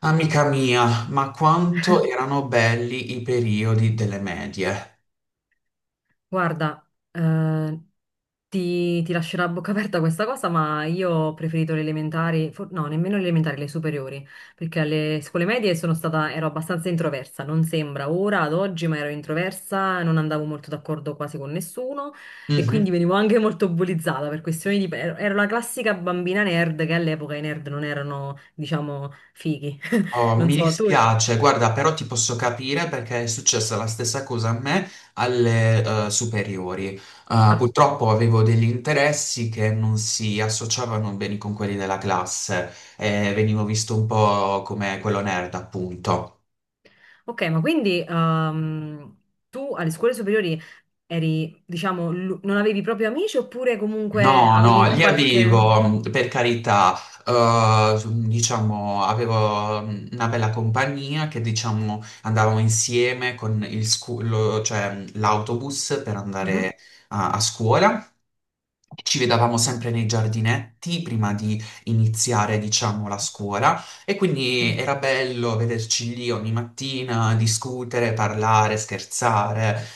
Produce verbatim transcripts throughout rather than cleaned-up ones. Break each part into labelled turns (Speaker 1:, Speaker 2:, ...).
Speaker 1: Amica mia, ma quanto erano belli i periodi delle medie.
Speaker 2: Guarda, eh, ti, ti lascerà a bocca aperta questa cosa, ma io ho preferito le elementari, for- no, nemmeno le elementari, le superiori, perché alle scuole medie sono stata, ero abbastanza introversa, non sembra ora, ad oggi, ma ero introversa, non andavo molto d'accordo quasi con nessuno e
Speaker 1: Mhm.
Speaker 2: quindi venivo anche molto bullizzata per questioni di... ero ero la classica bambina nerd che all'epoca i nerd non erano, diciamo, fighi.
Speaker 1: Oh,
Speaker 2: Non
Speaker 1: mi
Speaker 2: so, tu...
Speaker 1: dispiace, guarda, però ti posso capire perché è successa la stessa cosa a me alle eh, superiori. Eh, purtroppo avevo degli interessi che non si associavano bene con quelli della classe e venivo visto un po' come quello nerd, appunto.
Speaker 2: Ok, ma quindi ehm, tu alle scuole superiori eri, diciamo, l'u- non avevi proprio amici oppure comunque
Speaker 1: No, no,
Speaker 2: avevi
Speaker 1: li
Speaker 2: qualche...
Speaker 1: avevo, per carità, eh, diciamo, avevo una bella compagnia che, diciamo, andavamo insieme con il scu- lo- cioè, l'autobus per
Speaker 2: Mhm.
Speaker 1: andare a a scuola. Ci vedevamo sempre nei giardinetti prima di iniziare, diciamo, la scuola e quindi
Speaker 2: Mm.
Speaker 1: era bello vederci lì ogni mattina, discutere, parlare, scherzare.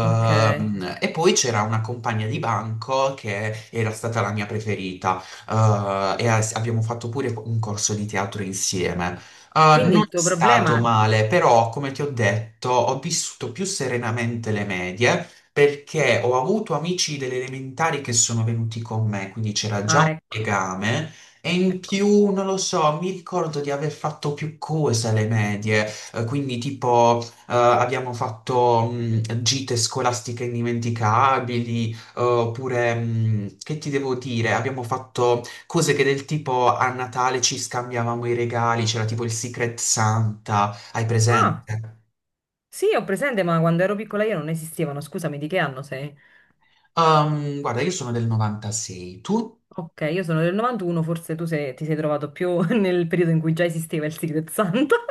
Speaker 2: Ok,
Speaker 1: e poi c'era una compagna di banco che era stata la mia preferita, eh, e as- abbiamo fatto pure un corso di teatro insieme. Eh,
Speaker 2: quindi
Speaker 1: non
Speaker 2: il
Speaker 1: è
Speaker 2: tuo
Speaker 1: stato
Speaker 2: problema...
Speaker 1: male, però, come ti ho detto, ho vissuto più serenamente le medie perché ho avuto amici delle elementari che sono venuti con me, quindi c'era già un
Speaker 2: Ah, ecco,
Speaker 1: legame. E in
Speaker 2: ecco.
Speaker 1: più, non lo so, mi ricordo di aver fatto più cose alle medie, eh, quindi tipo eh, abbiamo fatto mh, gite scolastiche indimenticabili, eh, oppure, mh, che ti devo dire, abbiamo fatto cose che del tipo a Natale ci scambiavamo i regali, c'era tipo il Secret Santa, hai
Speaker 2: Ah,
Speaker 1: presente?
Speaker 2: sì, ho presente, ma quando ero piccola io non esistevano, scusami, di che anno sei?
Speaker 1: Ehm, guarda, io sono del novantasei, tu?
Speaker 2: Ok, io sono del novantuno, forse tu sei- ti sei trovato più nel periodo in cui già esisteva il Secret Santa.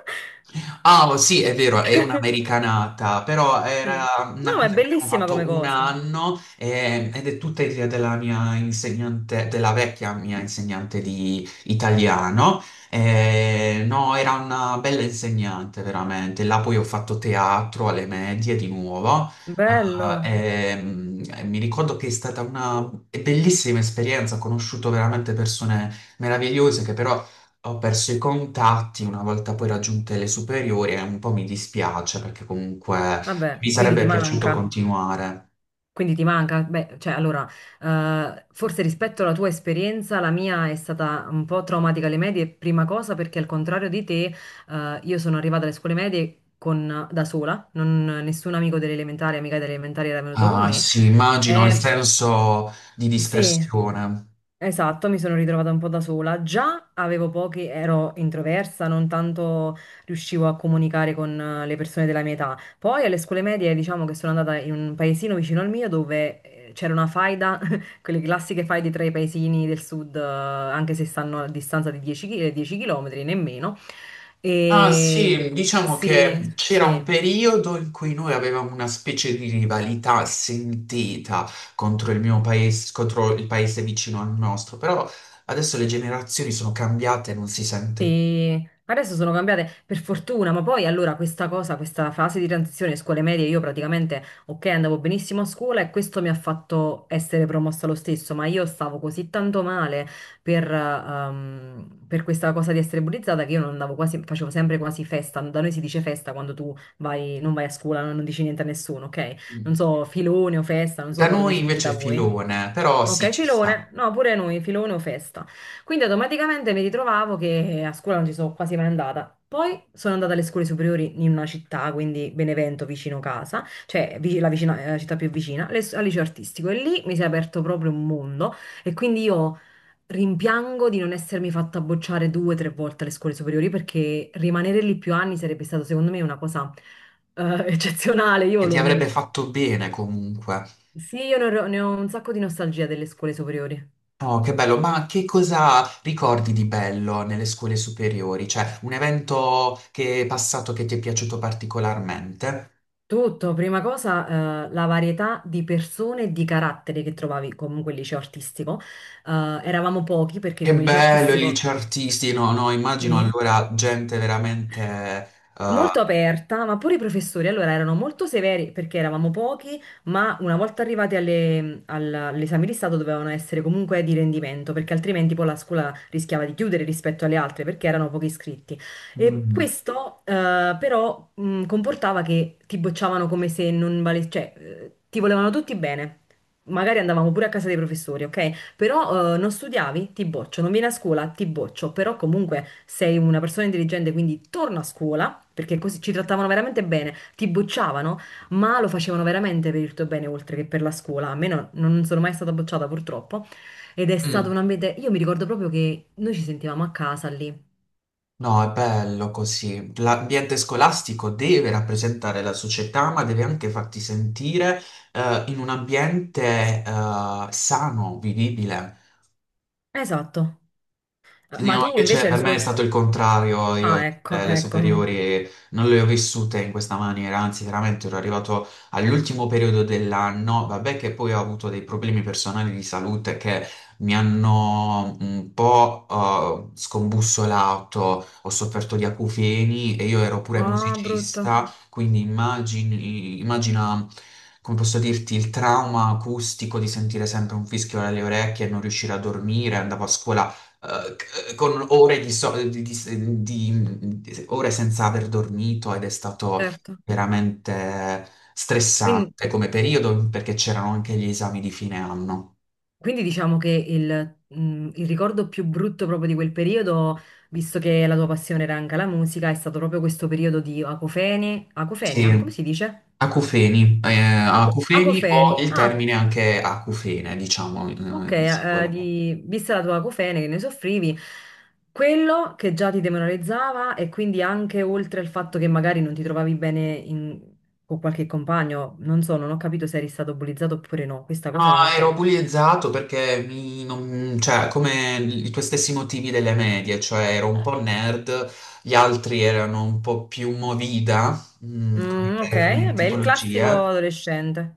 Speaker 1: Ah, oh, sì, è vero, è un'americanata, però
Speaker 2: Sì.
Speaker 1: era
Speaker 2: No,
Speaker 1: una
Speaker 2: ma è
Speaker 1: cosa che abbiamo
Speaker 2: bellissima come
Speaker 1: fatto un
Speaker 2: cosa.
Speaker 1: anno eh, ed è tutta idea della mia insegnante, della vecchia mia insegnante di italiano. Eh, no, era una bella insegnante, veramente. Là poi ho fatto teatro alle medie di nuovo. Ah,
Speaker 2: Bello.
Speaker 1: ehm, e mi ricordo che è stata una bellissima esperienza, ho conosciuto veramente persone meravigliose che però ho perso i contatti una volta poi raggiunte le superiori e un po' mi dispiace perché comunque
Speaker 2: Vabbè,
Speaker 1: mi
Speaker 2: quindi
Speaker 1: sarebbe
Speaker 2: ti
Speaker 1: piaciuto
Speaker 2: manca.
Speaker 1: continuare.
Speaker 2: Quindi ti manca? Beh, cioè, allora, eh, forse rispetto alla tua esperienza, la mia è stata un po' traumatica alle medie, prima cosa perché al contrario di te, eh, io sono arrivata alle scuole medie con- da sola, non- nessun amico delle elementari, amica delle elementari era venuto con
Speaker 1: Ah,
Speaker 2: me.
Speaker 1: sì, immagino il
Speaker 2: E,
Speaker 1: senso di
Speaker 2: sì,
Speaker 1: dispersione.
Speaker 2: esatto, mi sono ritrovata un po' da sola. Già avevo pochi, ero introversa, non tanto riuscivo a comunicare con eh, le persone della mia età. Poi alle scuole medie, diciamo che sono andata in un paesino vicino al mio dove eh, c'era una faida, quelle classiche faide tra i paesini del sud, eh, anche se stanno a distanza di dieci chilometri, nemmeno.
Speaker 1: Ah,
Speaker 2: E
Speaker 1: sì, diciamo
Speaker 2: sì,
Speaker 1: che c'era un
Speaker 2: sì.
Speaker 1: periodo in cui noi avevamo una specie di rivalità sentita contro il mio paese, contro il paese vicino al nostro, però adesso le generazioni sono cambiate e non si sente
Speaker 2: Sì, adesso sono cambiate per fortuna, ma poi allora questa cosa, questa fase di transizione scuole medie, io praticamente, ok, andavo benissimo a scuola e questo mi ha fatto essere promossa lo stesso, ma io stavo così tanto male per, ehm, per questa cosa di essere bullizzata che io non andavo quasi, facevo sempre quasi festa, da noi si dice festa quando tu vai, non vai a scuola, non, non dici niente a nessuno, ok?
Speaker 1: più.
Speaker 2: Non so, filone o festa, non
Speaker 1: Da
Speaker 2: so come
Speaker 1: noi
Speaker 2: si dice
Speaker 1: invece
Speaker 2: da
Speaker 1: è
Speaker 2: voi.
Speaker 1: filone, però sì,
Speaker 2: Ok,
Speaker 1: ci
Speaker 2: filone,
Speaker 1: sta.
Speaker 2: no, pure noi, filone o festa. Quindi automaticamente mi ritrovavo che a scuola non ci sono quasi mai andata. Poi sono andata alle scuole superiori in una città, quindi Benevento, vicino casa, cioè vi- la, vicina- la città più vicina, le- al liceo artistico. E lì mi si è aperto proprio un mondo e quindi io rimpiango di non essermi fatta bocciare due o tre volte alle scuole superiori perché rimanere lì più anni sarebbe stato secondo me una cosa eh, eccezionale. Io
Speaker 1: E ti
Speaker 2: lo- mm,
Speaker 1: avrebbe fatto bene comunque.
Speaker 2: Sì, io ne ho ne ho un sacco di nostalgia delle scuole superiori.
Speaker 1: Oh, che bello, ma che cosa ricordi di bello nelle scuole superiori? Cioè, un evento che è passato che ti è piaciuto particolarmente?
Speaker 2: Tutto, prima cosa, eh, la varietà di persone e di carattere che trovavi comunque il liceo artistico. Eh, Eravamo pochi perché
Speaker 1: Che
Speaker 2: come liceo
Speaker 1: bello, i
Speaker 2: artistico...
Speaker 1: licei artisti, no, no, immagino
Speaker 2: Sì,
Speaker 1: allora gente veramente... eh,
Speaker 2: molto aperta, ma pure i professori allora erano molto severi perché eravamo pochi, ma una volta arrivati alle- al- all'esame di Stato dovevano essere comunque di rendimento, perché altrimenti poi la scuola rischiava di chiudere rispetto alle altre perché erano pochi iscritti. E
Speaker 1: mm,
Speaker 2: questo eh, però mh, comportava che ti bocciavano come se non valesse, cioè eh, ti volevano tutti bene. Magari andavamo pure a casa dei professori, ok? Però eh, non studiavi? Ti boccio. Non vieni a scuola? Ti boccio, però comunque sei una persona intelligente, quindi torna a scuola, perché così ci trattavano veramente bene, ti bocciavano, ma lo facevano veramente per il tuo bene oltre che per la scuola. A me no- non sono mai stata bocciata purtroppo, ed è stato
Speaker 1: mm.
Speaker 2: un ambiente, io mi ricordo proprio che noi ci sentivamo a casa lì.
Speaker 1: No, è bello così. L'ambiente scolastico deve rappresentare la società, ma deve anche farti sentire eh, in un ambiente eh, sano, vivibile.
Speaker 2: Esatto.
Speaker 1: No,
Speaker 2: Ma tu
Speaker 1: invece
Speaker 2: invece alle
Speaker 1: per me è
Speaker 2: scuole...
Speaker 1: stato il contrario, io
Speaker 2: Ah, ecco,
Speaker 1: eh, le
Speaker 2: ecco.
Speaker 1: superiori non le ho vissute in questa maniera, anzi veramente ero arrivato all'ultimo periodo dell'anno, vabbè che poi ho avuto dei problemi personali di salute che mi hanno un po' eh, scombussolato, ho sofferto di acufeni e io ero pure
Speaker 2: Ah, brutto,
Speaker 1: musicista, quindi immagini, immagina... Come posso dirti, il trauma acustico di sentire sempre un fischio alle orecchie e non riuscire a dormire, andavo a scuola eh, con ore di, so- di- di- di- di- ore senza aver dormito ed è stato
Speaker 2: certo.
Speaker 1: veramente
Speaker 2: Quindi...
Speaker 1: stressante come periodo perché c'erano anche gli esami di fine anno.
Speaker 2: Quindi diciamo che il, mh, il ricordo più brutto proprio di quel periodo, visto che la tua passione era anche la musica, è stato proprio questo periodo di acofeni, acofenia,
Speaker 1: Sì,
Speaker 2: come si dice?
Speaker 1: acufeni, eh,
Speaker 2: Aco-
Speaker 1: acufeni o
Speaker 2: acofeni.
Speaker 1: il
Speaker 2: Ah,
Speaker 1: termine anche acufene, diciamo,
Speaker 2: ok,
Speaker 1: in, in
Speaker 2: eh, eh,
Speaker 1: singolare.
Speaker 2: di, vista la tua acofene che ne soffrivi, quello che già ti demoralizzava e quindi anche oltre al fatto che magari non ti trovavi bene in- con qualche compagno, non so, non ho capito se eri stato bullizzato oppure no, questa
Speaker 1: No,
Speaker 2: cosa non l'ho
Speaker 1: ero
Speaker 2: capita.
Speaker 1: bullizzato perché mi- non- cioè, come i tuoi stessi motivi delle medie, cioè ero un po' nerd, gli altri erano un po' più movida, mm, come,
Speaker 2: Mm, ok,
Speaker 1: come
Speaker 2: vabbè, il classico
Speaker 1: tipologia,
Speaker 2: adolescente.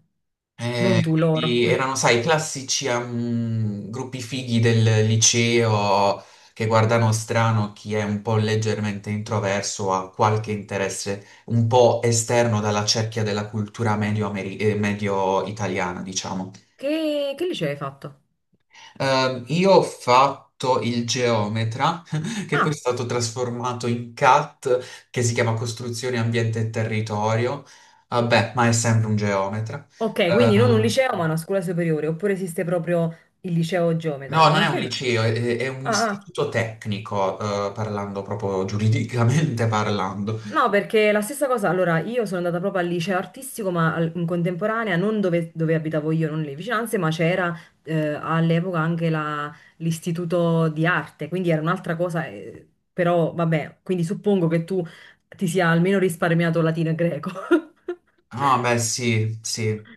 Speaker 1: e
Speaker 2: Non tu, loro.
Speaker 1: quindi erano, sai, i classici ehm, gruppi fighi del liceo che guardano strano chi è un po' leggermente introverso o ha qualche interesse un po' esterno dalla cerchia della cultura medio-ameri- eh, medio-italiana, diciamo.
Speaker 2: Che, che liceo hai fatto?
Speaker 1: Ehm, io ho fatto il geometra, che poi è
Speaker 2: Ah,
Speaker 1: stato trasformato in CAT, che si chiama Costruzione, Ambiente e Territorio. Vabbè, ma è sempre un geometra.
Speaker 2: ok, quindi non un
Speaker 1: Ehm,
Speaker 2: liceo, ma una scuola superiore, oppure esiste proprio il liceo geometra,
Speaker 1: no, non
Speaker 2: non
Speaker 1: è un
Speaker 2: credo.
Speaker 1: liceo, è, è un
Speaker 2: Ah, ah.
Speaker 1: istituto tecnico, eh, parlando proprio giuridicamente parlando.
Speaker 2: No, perché la stessa cosa, allora io sono andata proprio al liceo artistico, ma al- in contemporanea, non dove, dove abitavo io, non le vicinanze, ma c'era eh, all'epoca anche la- l'istituto di arte, quindi era un'altra cosa, eh, però vabbè, quindi suppongo che tu ti sia almeno risparmiato latino e greco.
Speaker 1: No, beh, sì, sì.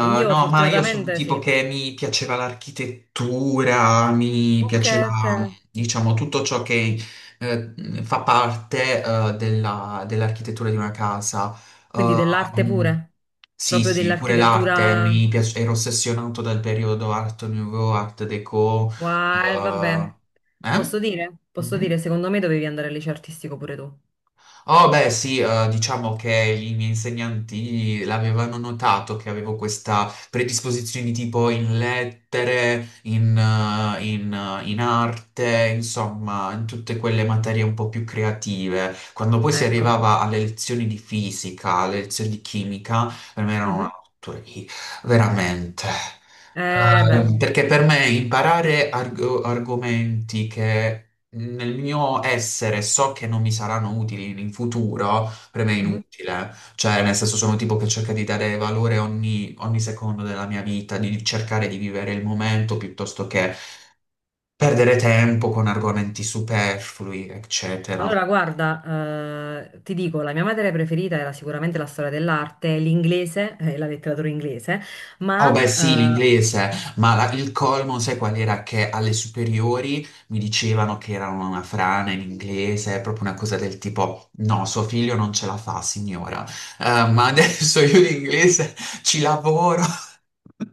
Speaker 2: Io
Speaker 1: no, ma io sono un
Speaker 2: fortunatamente
Speaker 1: tipo
Speaker 2: sì.
Speaker 1: che mi piaceva l'architettura, mi
Speaker 2: Ok,
Speaker 1: piaceva,
Speaker 2: ok.
Speaker 1: diciamo, tutto ciò che eh, fa parte eh, della- dell'architettura di una casa.
Speaker 2: Quindi dell'arte
Speaker 1: Ehm,
Speaker 2: pure,
Speaker 1: sì,
Speaker 2: proprio
Speaker 1: sì, pure l'arte,
Speaker 2: dell'architettura.
Speaker 1: mi piace, ero ossessionato dal periodo Art Nouveau, Art Déco.
Speaker 2: Wow, eh,
Speaker 1: eh,
Speaker 2: vabbè.
Speaker 1: eh?
Speaker 2: Posso dire? Posso
Speaker 1: Mhm.
Speaker 2: dire, secondo me dovevi andare al liceo artistico pure tu.
Speaker 1: Oh, beh, sì, eh, diciamo che i miei insegnanti l'avevano notato che avevo questa predisposizione tipo in lettere, in, eh, in, eh, in arte, insomma, in tutte quelle materie un po' più creative. Quando poi si
Speaker 2: Ecco.
Speaker 1: arrivava alle lezioni di fisica, alle lezioni di chimica, per me erano una
Speaker 2: Mhm.
Speaker 1: tortura, veramente.
Speaker 2: Eh, beh.
Speaker 1: Eh, perché per me imparare arg- argomenti che nel mio essere so che non mi saranno utili in futuro, per me è
Speaker 2: Mhm.
Speaker 1: inutile. Cioè, nel senso, sono un tipo che cerca di dare valore ogni, ogni secondo della mia vita, di cercare di vivere il momento piuttosto che perdere tempo con argomenti superflui, eccetera.
Speaker 2: Allora, guarda, eh, ti dico, la mia materia preferita era sicuramente la storia dell'arte, l'inglese, eh, la letteratura inglese,
Speaker 1: Oh
Speaker 2: ma
Speaker 1: beh sì,
Speaker 2: eh,
Speaker 1: l'inglese, ma la- il colmo sai qual era? Che alle superiori mi dicevano che era una frana in inglese, proprio una cosa del tipo no, suo figlio non ce la fa, signora. Eh, ma adesso io l'inglese ci lavoro.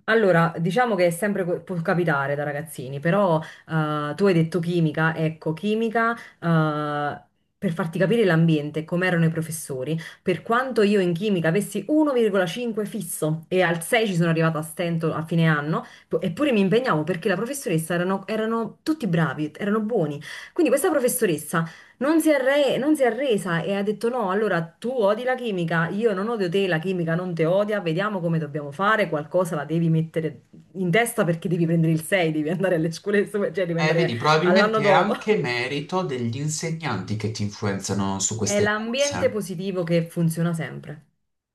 Speaker 2: Allora, diciamo che è sempre co- può capitare da ragazzini, però eh, tu hai detto chimica, ecco, chimica, eh, per farti capire l'ambiente, com'erano i professori, per quanto io in chimica avessi uno virgola cinque fisso e al sei ci sono arrivata a stento a fine anno, po- eppure mi impegnavo perché la professoressa erano, erano tutti bravi, erano buoni. Quindi questa professoressa non si è arre- non si è arresa e ha detto no, allora tu odi la chimica, io non odio te, la chimica non te odia, vediamo come dobbiamo fare, qualcosa la devi mettere in testa perché devi prendere il sei, devi andare alle scuole, superiori, cioè devi
Speaker 1: Eh,
Speaker 2: andare
Speaker 1: vedi,
Speaker 2: all'anno
Speaker 1: probabilmente è
Speaker 2: dopo.
Speaker 1: anche merito degli insegnanti che ti influenzano su
Speaker 2: È
Speaker 1: queste
Speaker 2: l'ambiente
Speaker 1: cose.
Speaker 2: positivo che funziona sempre,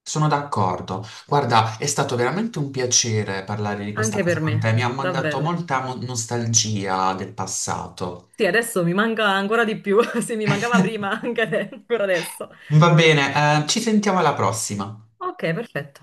Speaker 1: Sono d'accordo. Guarda, è stato veramente un piacere parlare di questa
Speaker 2: anche
Speaker 1: cosa
Speaker 2: per
Speaker 1: con
Speaker 2: me,
Speaker 1: te, mi ha mandato
Speaker 2: davvero.
Speaker 1: molta mo- nostalgia del passato.
Speaker 2: Sì, adesso mi manca ancora di più, se mi mancava prima, anche ade- ancora adesso.
Speaker 1: Va bene, eh, ci sentiamo alla prossima.
Speaker 2: Ok, perfetto.